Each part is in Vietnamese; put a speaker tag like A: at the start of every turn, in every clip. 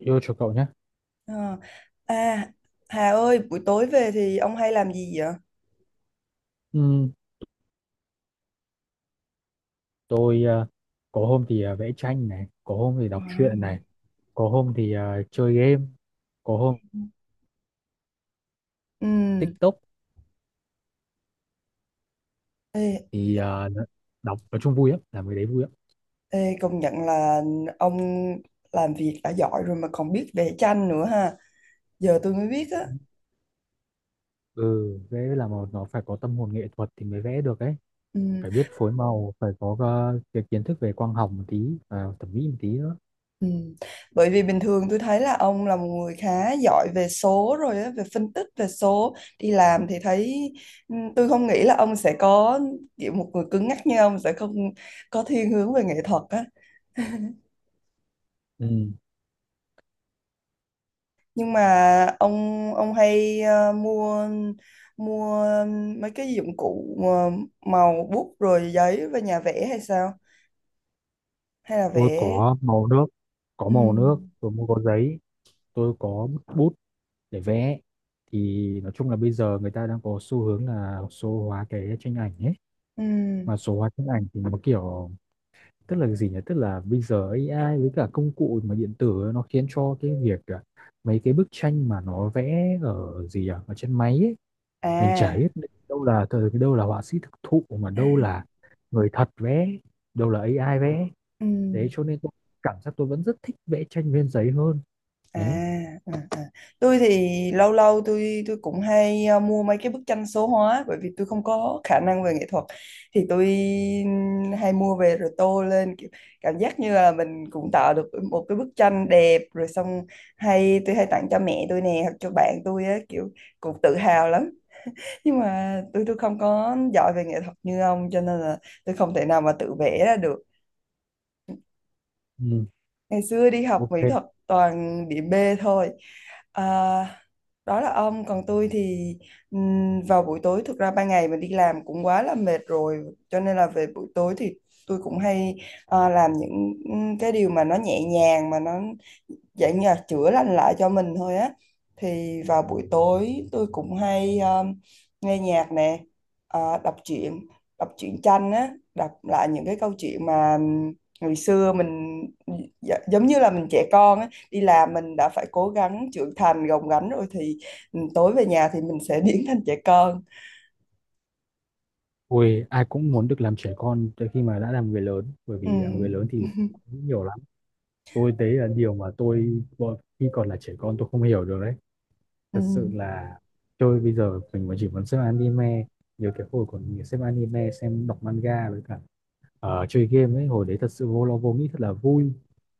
A: Yêu chuộng cậu nhé.
B: Ờ. À, Hà ơi, buổi tối về thì ông hay làm gì vậy?
A: Ừm, tôi ờ, có hôm thì vẽ tranh này, có hôm thì đọc truyện này,
B: Wow.
A: có hôm thì chơi game, có hôm
B: Ừ.
A: TikTok
B: Ê,
A: thì đọc, nói chung vui lắm, làm cái đấy vui lắm.
B: ê, công nhận là ông làm việc đã giỏi rồi mà còn biết vẽ tranh nữa ha. Giờ tôi mới biết á.
A: Ừ, vẽ là một nó phải có tâm hồn nghệ thuật thì mới vẽ được ấy,
B: Ừ.
A: phải biết phối màu, phải có cái kiến thức về quang học một tí và thẩm mỹ một tí nữa.
B: Ừ. Bởi vì bình thường tôi thấy là ông là một người khá giỏi về số rồi á, về phân tích về số. Đi làm thì thấy tôi không nghĩ là ông sẽ có kiểu một người cứng nhắc như ông sẽ không có thiên hướng về nghệ thuật á.
A: Ừ.
B: Nhưng mà ông ông hay mua mua mấy cái dụng cụ màu bút rồi giấy và nhà vẽ hay sao, hay là
A: Tôi
B: vẽ?
A: có màu nước, có
B: Ừ.
A: màu nước tôi mua, có giấy, tôi có bút để vẽ. Thì nói chung là bây giờ người ta đang có xu hướng là số hóa cái tranh ảnh ấy,
B: Ừ.
A: mà số hóa tranh ảnh thì nó kiểu, tức là gì nhỉ, tức là bây giờ AI với cả công cụ mà điện tử ấy, nó khiến cho cái việc mấy cái bức tranh mà nó vẽ ở gì à ở trên máy ấy, mình chả
B: À.
A: biết đâu là thời, đâu là họa sĩ thực thụ, mà đâu là người thật vẽ, đâu là AI vẽ.
B: Ừ.
A: Đấy, cho nên tôi cảm giác tôi vẫn rất thích vẽ tranh trên giấy hơn.
B: À,
A: Đấy.
B: à, à. Tôi thì lâu lâu tôi cũng hay mua mấy cái bức tranh số hóa, bởi vì tôi không có khả năng về nghệ thuật thì tôi hay mua về rồi tô lên, kiểu cảm giác như là mình cũng tạo được một cái bức tranh đẹp rồi xong hay tôi hay tặng cho mẹ tôi nè hoặc cho bạn tôi á, kiểu cũng tự hào lắm. Nhưng mà tôi không có giỏi về nghệ thuật như ông cho nên là tôi không thể nào mà tự vẽ ra được.
A: Ừ,
B: Ngày xưa đi học mỹ
A: ok.
B: thuật toàn điểm B thôi. À, đó là ông, còn tôi thì vào buổi tối, thực ra ban ngày mình đi làm cũng quá là mệt rồi cho nên là về buổi tối thì tôi cũng hay làm những cái điều mà nó nhẹ nhàng, mà nó dạng như là chữa lành lại cho mình thôi á. Thì vào buổi tối tôi cũng hay nghe nhạc nè, ờ, đọc truyện đọc truyện tranh á, đọc lại những cái câu chuyện mà ngày xưa mình giống như là mình trẻ con á, đi làm mình đã phải cố gắng trưởng thành gồng gánh rồi thì tối về nhà thì mình sẽ biến thành trẻ con.
A: Ôi, ai cũng muốn được làm trẻ con tới khi mà đã làm người lớn, bởi
B: Ừ.
A: vì làm người lớn thì cũng nhiều lắm. Tôi đấy là điều mà khi còn là trẻ con tôi không hiểu được đấy.
B: Ừ.
A: Thật sự là tôi bây giờ mình mà chỉ muốn xem anime. Nhiều cái hồi còn xem anime, xem đọc manga với cả chơi game ấy hồi đấy thật sự vô lo vô nghĩ, thật là vui.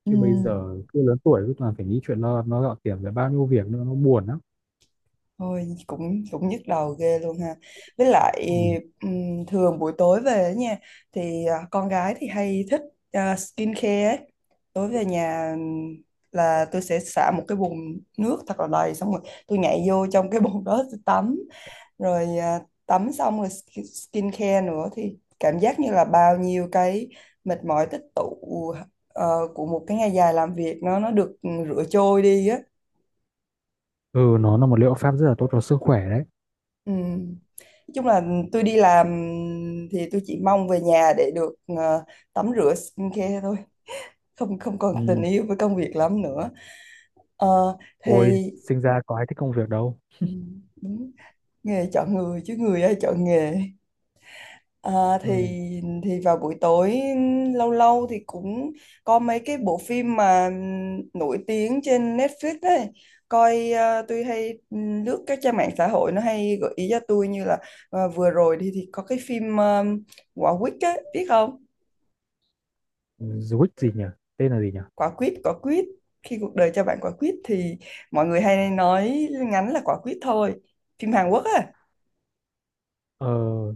B: Ừ.
A: Chứ bây giờ cứ lớn tuổi cứ toàn phải nghĩ chuyện lo nó gạo tiền, về bao nhiêu việc nữa, nó buồn lắm.
B: Thôi, cũng cũng nhức đầu ghê luôn ha. Với lại
A: Ừ.
B: thường buổi tối về ấy nha, thì con gái thì hay thích skincare ấy. Tối về nhà là tôi sẽ xả một cái bồn nước thật là đầy xong rồi tôi nhảy vô trong cái bồn đó tôi tắm rồi, tắm xong rồi skincare nữa thì cảm giác như là bao nhiêu cái mệt mỏi tích tụ của một cái ngày dài làm việc nó được rửa trôi đi á.
A: Ừ, nó là một liệu pháp rất là tốt cho sức khỏe đấy.
B: Ừ. Nói chung là tôi đi làm thì tôi chỉ mong về nhà để được tắm rửa skincare thôi, không không còn tình
A: Ừ.
B: yêu với công việc lắm nữa. Ờ, thì
A: Ôi sinh ra có ai thích công việc đâu.
B: ừ, đúng, nghề chọn người chứ người ai chọn nghề. À, thì
A: Ừ.
B: vào buổi tối lâu lâu thì cũng có mấy cái bộ phim mà nổi tiếng trên Netflix ấy, coi tôi hay lướt các trang mạng xã hội nó hay gợi ý cho tôi, như là vừa rồi thì có cái phim Quả quýt ấy, biết không?
A: Zwick gì nhỉ? Tên là gì nhỉ?
B: Quả quýt, khi cuộc đời cho bạn quả quýt thì mọi người hay nói ngắn là Quả quýt thôi, phim Hàn Quốc á.
A: Ờ,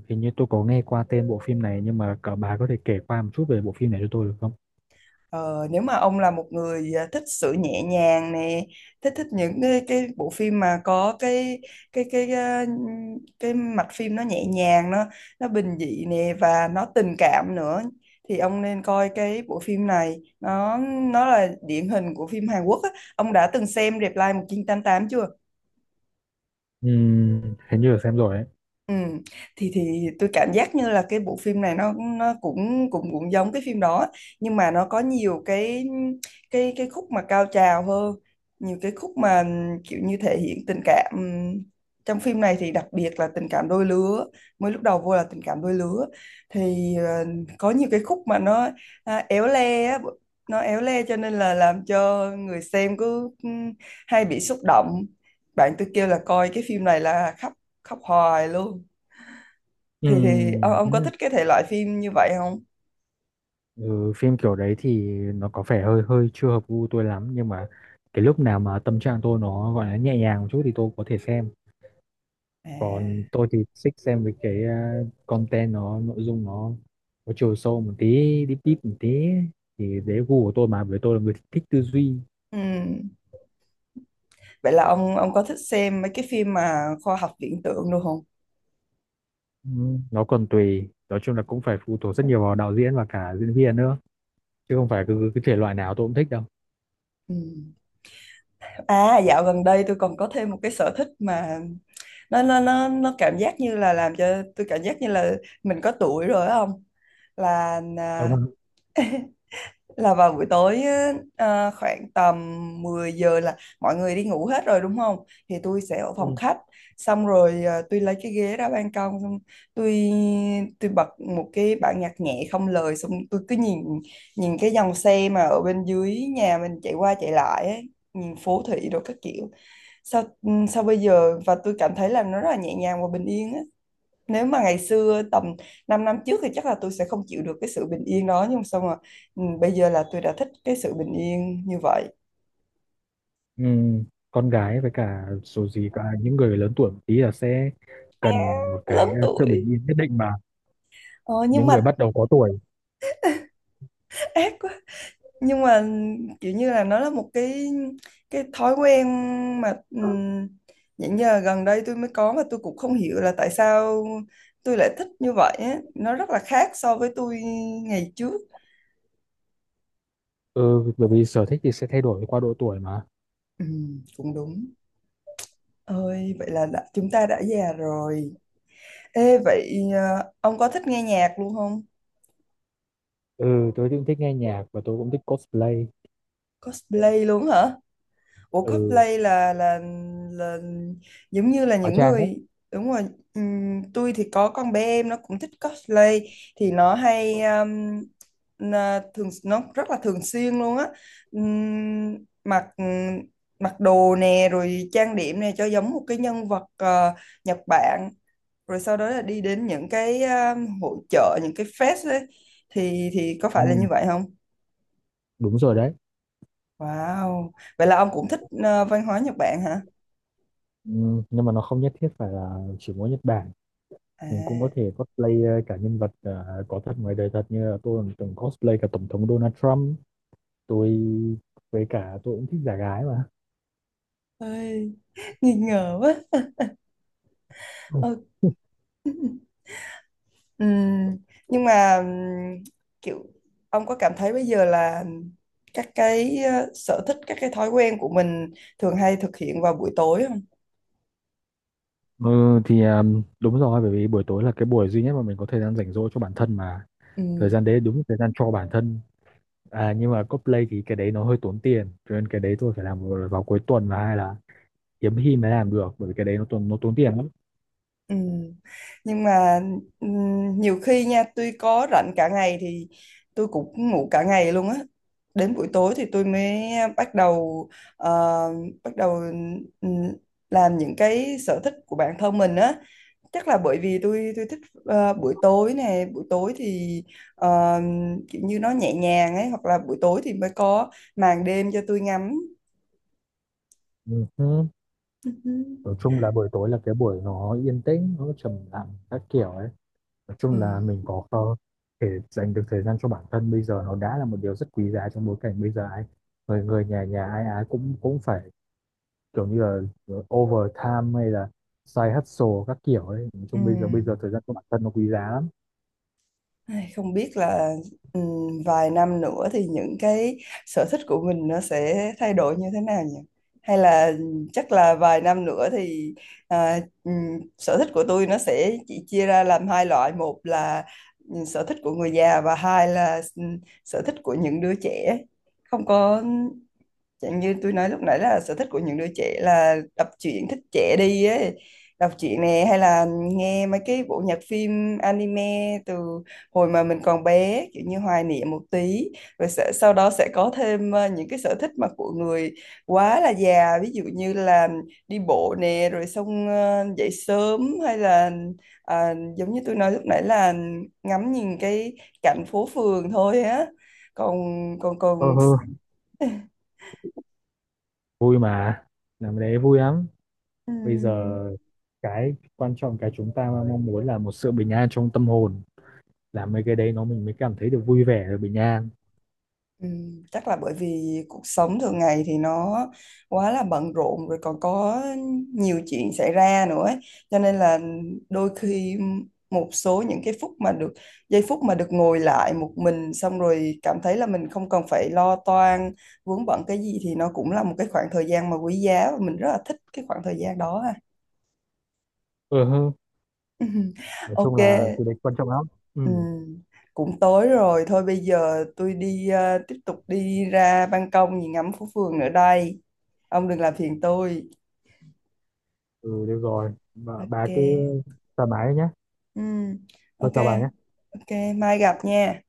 A: hình như tôi có nghe qua tên bộ phim này, nhưng mà cả bà có thể kể qua một chút về bộ phim này cho tôi được không?
B: Ờ, nếu mà ông là một người thích sự nhẹ nhàng nè, thích thích những cái bộ phim mà có cái cái à, cái mạch phim nó nhẹ nhàng, nó bình dị nè và nó tình cảm nữa thì ông nên coi cái bộ phim này, nó là điển hình của phim Hàn Quốc á. Ông đã từng xem Reply 1988 chưa?
A: Ừm, hình như là xem rồi ấy.
B: Ừ. Thì tôi cảm giác như là cái bộ phim này nó cũng cũng cũng giống cái phim đó, nhưng mà nó có nhiều cái khúc mà cao trào hơn, nhiều cái khúc mà kiểu như thể hiện tình cảm. Trong phim này thì đặc biệt là tình cảm đôi lứa, mới lúc đầu vô là tình cảm đôi lứa thì có nhiều cái khúc mà nó éo le á, nó éo le cho nên là làm cho người xem cứ hay bị xúc động, bạn tôi kêu là coi cái phim này là khóc, khóc hoài luôn. Thì ông có
A: Ừm.
B: thích cái thể loại phim như vậy không?
A: Ừ, phim kiểu đấy thì nó có vẻ hơi hơi chưa hợp gu tôi lắm, nhưng mà cái lúc nào mà tâm trạng tôi nó gọi là nhẹ nhàng một chút thì tôi có thể xem.
B: À.
A: Còn tôi thì thích xem với cái content, nó nội dung nó có chiều sâu một tí, deep deep một tí, thì đấy gu của tôi, mà với tôi là người thích tư duy.
B: Ừ. Vậy là ông có thích xem mấy cái phim mà khoa học viễn tưởng luôn không?
A: Ừ, nó còn tùy, nói chung là cũng phải phụ thuộc rất nhiều vào đạo diễn và cả diễn viên nữa, chứ không phải cứ cái thể loại nào tôi cũng thích đâu.
B: Ừ. À, dạo gần đây tôi còn có thêm một cái sở thích mà nó cảm giác như là làm cho tôi cảm giác như là mình có tuổi rồi á ông. là à,
A: Còn
B: là vào buổi tối á, khoảng tầm 10 giờ là mọi người đi ngủ hết rồi đúng không? Thì tôi sẽ ở phòng
A: ừ.
B: khách xong rồi, tôi lấy cái ghế ra ban công xong tôi tôi bật một cái bản nhạc nhẹ không lời xong tôi cứ nhìn, nhìn cái dòng xe mà ở bên dưới nhà mình chạy qua chạy lại ấy, nhìn phố thị đồ các kiểu. Sao bây giờ và tôi cảm thấy là nó rất là nhẹ nhàng và bình yên á, nếu mà ngày xưa tầm 5 năm trước thì chắc là tôi sẽ không chịu được cái sự bình yên đó, nhưng mà xong rồi bây giờ là tôi đã thích cái sự bình yên như vậy.
A: Ừ, con gái với cả số gì cả, những người lớn tuổi một tí là sẽ cần một cái
B: Lớn
A: sự bình
B: tuổi.
A: yên nhất định mà,
B: Ờ, nhưng
A: những người
B: mà
A: bắt đầu có tuổi.
B: ác quá. Nhưng mà kiểu như là nó là một cái thói quen mà những giờ gần đây tôi mới có, mà tôi cũng không hiểu là tại sao tôi lại thích như vậy á. Nó rất là khác so với tôi ngày trước.
A: Ừ, bởi vì sở thích thì sẽ thay đổi qua độ tuổi mà.
B: Cũng đúng. Ơi, vậy là chúng ta đã già rồi. Ê, vậy ông có thích nghe nhạc luôn không?
A: Ừ, tôi cũng thích nghe nhạc và tôi cũng thích cosplay.
B: Cosplay luôn hả? Ủa
A: Ừ,
B: cosplay là là giống như là
A: hóa
B: những
A: trang đấy.
B: người đúng rồi. Tôi thì có con bé em nó cũng thích cosplay, thì nó hay nó thường nó rất là thường xuyên luôn á. Ừm, mặc mặc đồ nè rồi trang điểm nè cho giống một cái nhân vật Nhật Bản, rồi sau đó là đi đến những cái hội chợ, những cái fest ấy, thì có phải là
A: Ừ,
B: như vậy không?
A: đúng rồi đấy.
B: Wow, vậy là ông cũng thích văn hóa Nhật Bản hả?
A: Ừ, nhưng mà nó không nhất thiết phải là chỉ mỗi Nhật Bản.
B: À,
A: Mình cũng có thể cosplay cả nhân vật có thật ngoài đời thật, như là tôi cũng từng cosplay cả tổng thống Donald Trump. Tôi với cả tôi cũng thích giả gái mà.
B: ơi, nghi ngờ quá.
A: Ừ.
B: Ờ, ừm, nhưng mà kiểu ông có cảm thấy bây giờ là các cái sở thích, các cái thói quen của mình thường hay thực hiện vào buổi tối
A: Ừ thì đúng rồi, bởi vì buổi tối là cái buổi duy nhất mà mình có thời gian rảnh rỗi cho bản thân mà. Thời
B: không?
A: gian đấy đúng là thời gian cho bản thân. À nhưng mà cosplay thì cái đấy nó hơi tốn tiền, cho nên cái đấy tôi phải làm vào cuối tuần, và hay là hiếm khi mới làm được, bởi vì cái đấy nó tốn tiền lắm.
B: Ừ. Nhưng mà ừ, nhiều khi nha tôi có rảnh cả ngày thì tôi cũng ngủ cả ngày luôn á, đến buổi tối thì tôi mới bắt đầu ờ, bắt đầu ừ, làm những cái sở thích của bản thân mình á, chắc là bởi vì tôi thích buổi tối thì ờ, kiểu như nó nhẹ nhàng ấy, hoặc là buổi tối thì mới có màn đêm cho tôi ngắm.
A: Ừ. Ừ.
B: Ừ.
A: Nói chung là buổi tối là cái buổi nó yên tĩnh, nó trầm lặng các kiểu ấy. Nói
B: Ừ.
A: chung là mình có thể dành được thời gian cho bản thân bây giờ, nó đã là một điều rất quý giá trong bối cảnh bây giờ ai, người người nhà nhà ai ai cũng cũng phải kiểu như là ờ, overtime hay là side hustle các kiểu ấy, nói
B: Ừ.
A: chung bây giờ thời gian của bản thân nó quý giá lắm.
B: Ai, không biết là vài năm nữa thì những cái sở thích của mình nó sẽ thay đổi như thế nào nhỉ? Hay là chắc là vài năm nữa thì sở thích của tôi nó sẽ chỉ chia ra làm hai loại. Một là sở thích của người già và hai là sở thích của những đứa trẻ. Không có Chẳng như tôi nói lúc nãy là sở thích của những đứa trẻ là đọc truyện thích trẻ đi ấy, đọc truyện nè hay là nghe mấy cái bộ nhạc phim anime từ hồi mà mình còn bé, kiểu như hoài niệm một tí, sau đó sẽ có thêm những cái sở thích mà của người quá là già, ví dụ như là đi bộ nè rồi xong dậy sớm, hay là giống như tôi nói lúc nãy là ngắm nhìn cái cảnh phố phường thôi á. Còn còn
A: Ờ
B: còn
A: hơ, vui mà, làm cái đấy vui lắm. Bây
B: ừm,
A: giờ cái quan trọng, cái chúng ta mong muốn là một sự bình an trong tâm hồn, làm mấy cái đấy nó mình mới cảm thấy được vui vẻ và bình an.
B: Ừ, chắc là bởi vì cuộc sống thường ngày thì nó quá là bận rộn rồi còn có nhiều chuyện xảy ra nữa ấy. Cho nên là đôi khi một số những cái phút mà được giây phút mà được ngồi lại một mình xong rồi cảm thấy là mình không cần phải lo toan vướng bận cái gì thì nó cũng là một cái khoảng thời gian mà quý giá, và mình rất là thích cái khoảng thời gian đó ha.
A: Ờ hơ, nói chung
B: Ok.
A: là cái đấy quan trọng lắm. Ừ.
B: Ừ, cũng tối rồi thôi, bây giờ tôi đi tiếp tục đi ra ban công nhìn ngắm phố phường nữa đây, ông đừng làm phiền tôi.
A: Ừ được rồi bà
B: Ok.
A: cứ thoải mái nhé.
B: Ừ,
A: Tôi
B: ok.
A: chào bà nhé.
B: Ok, mai gặp nha.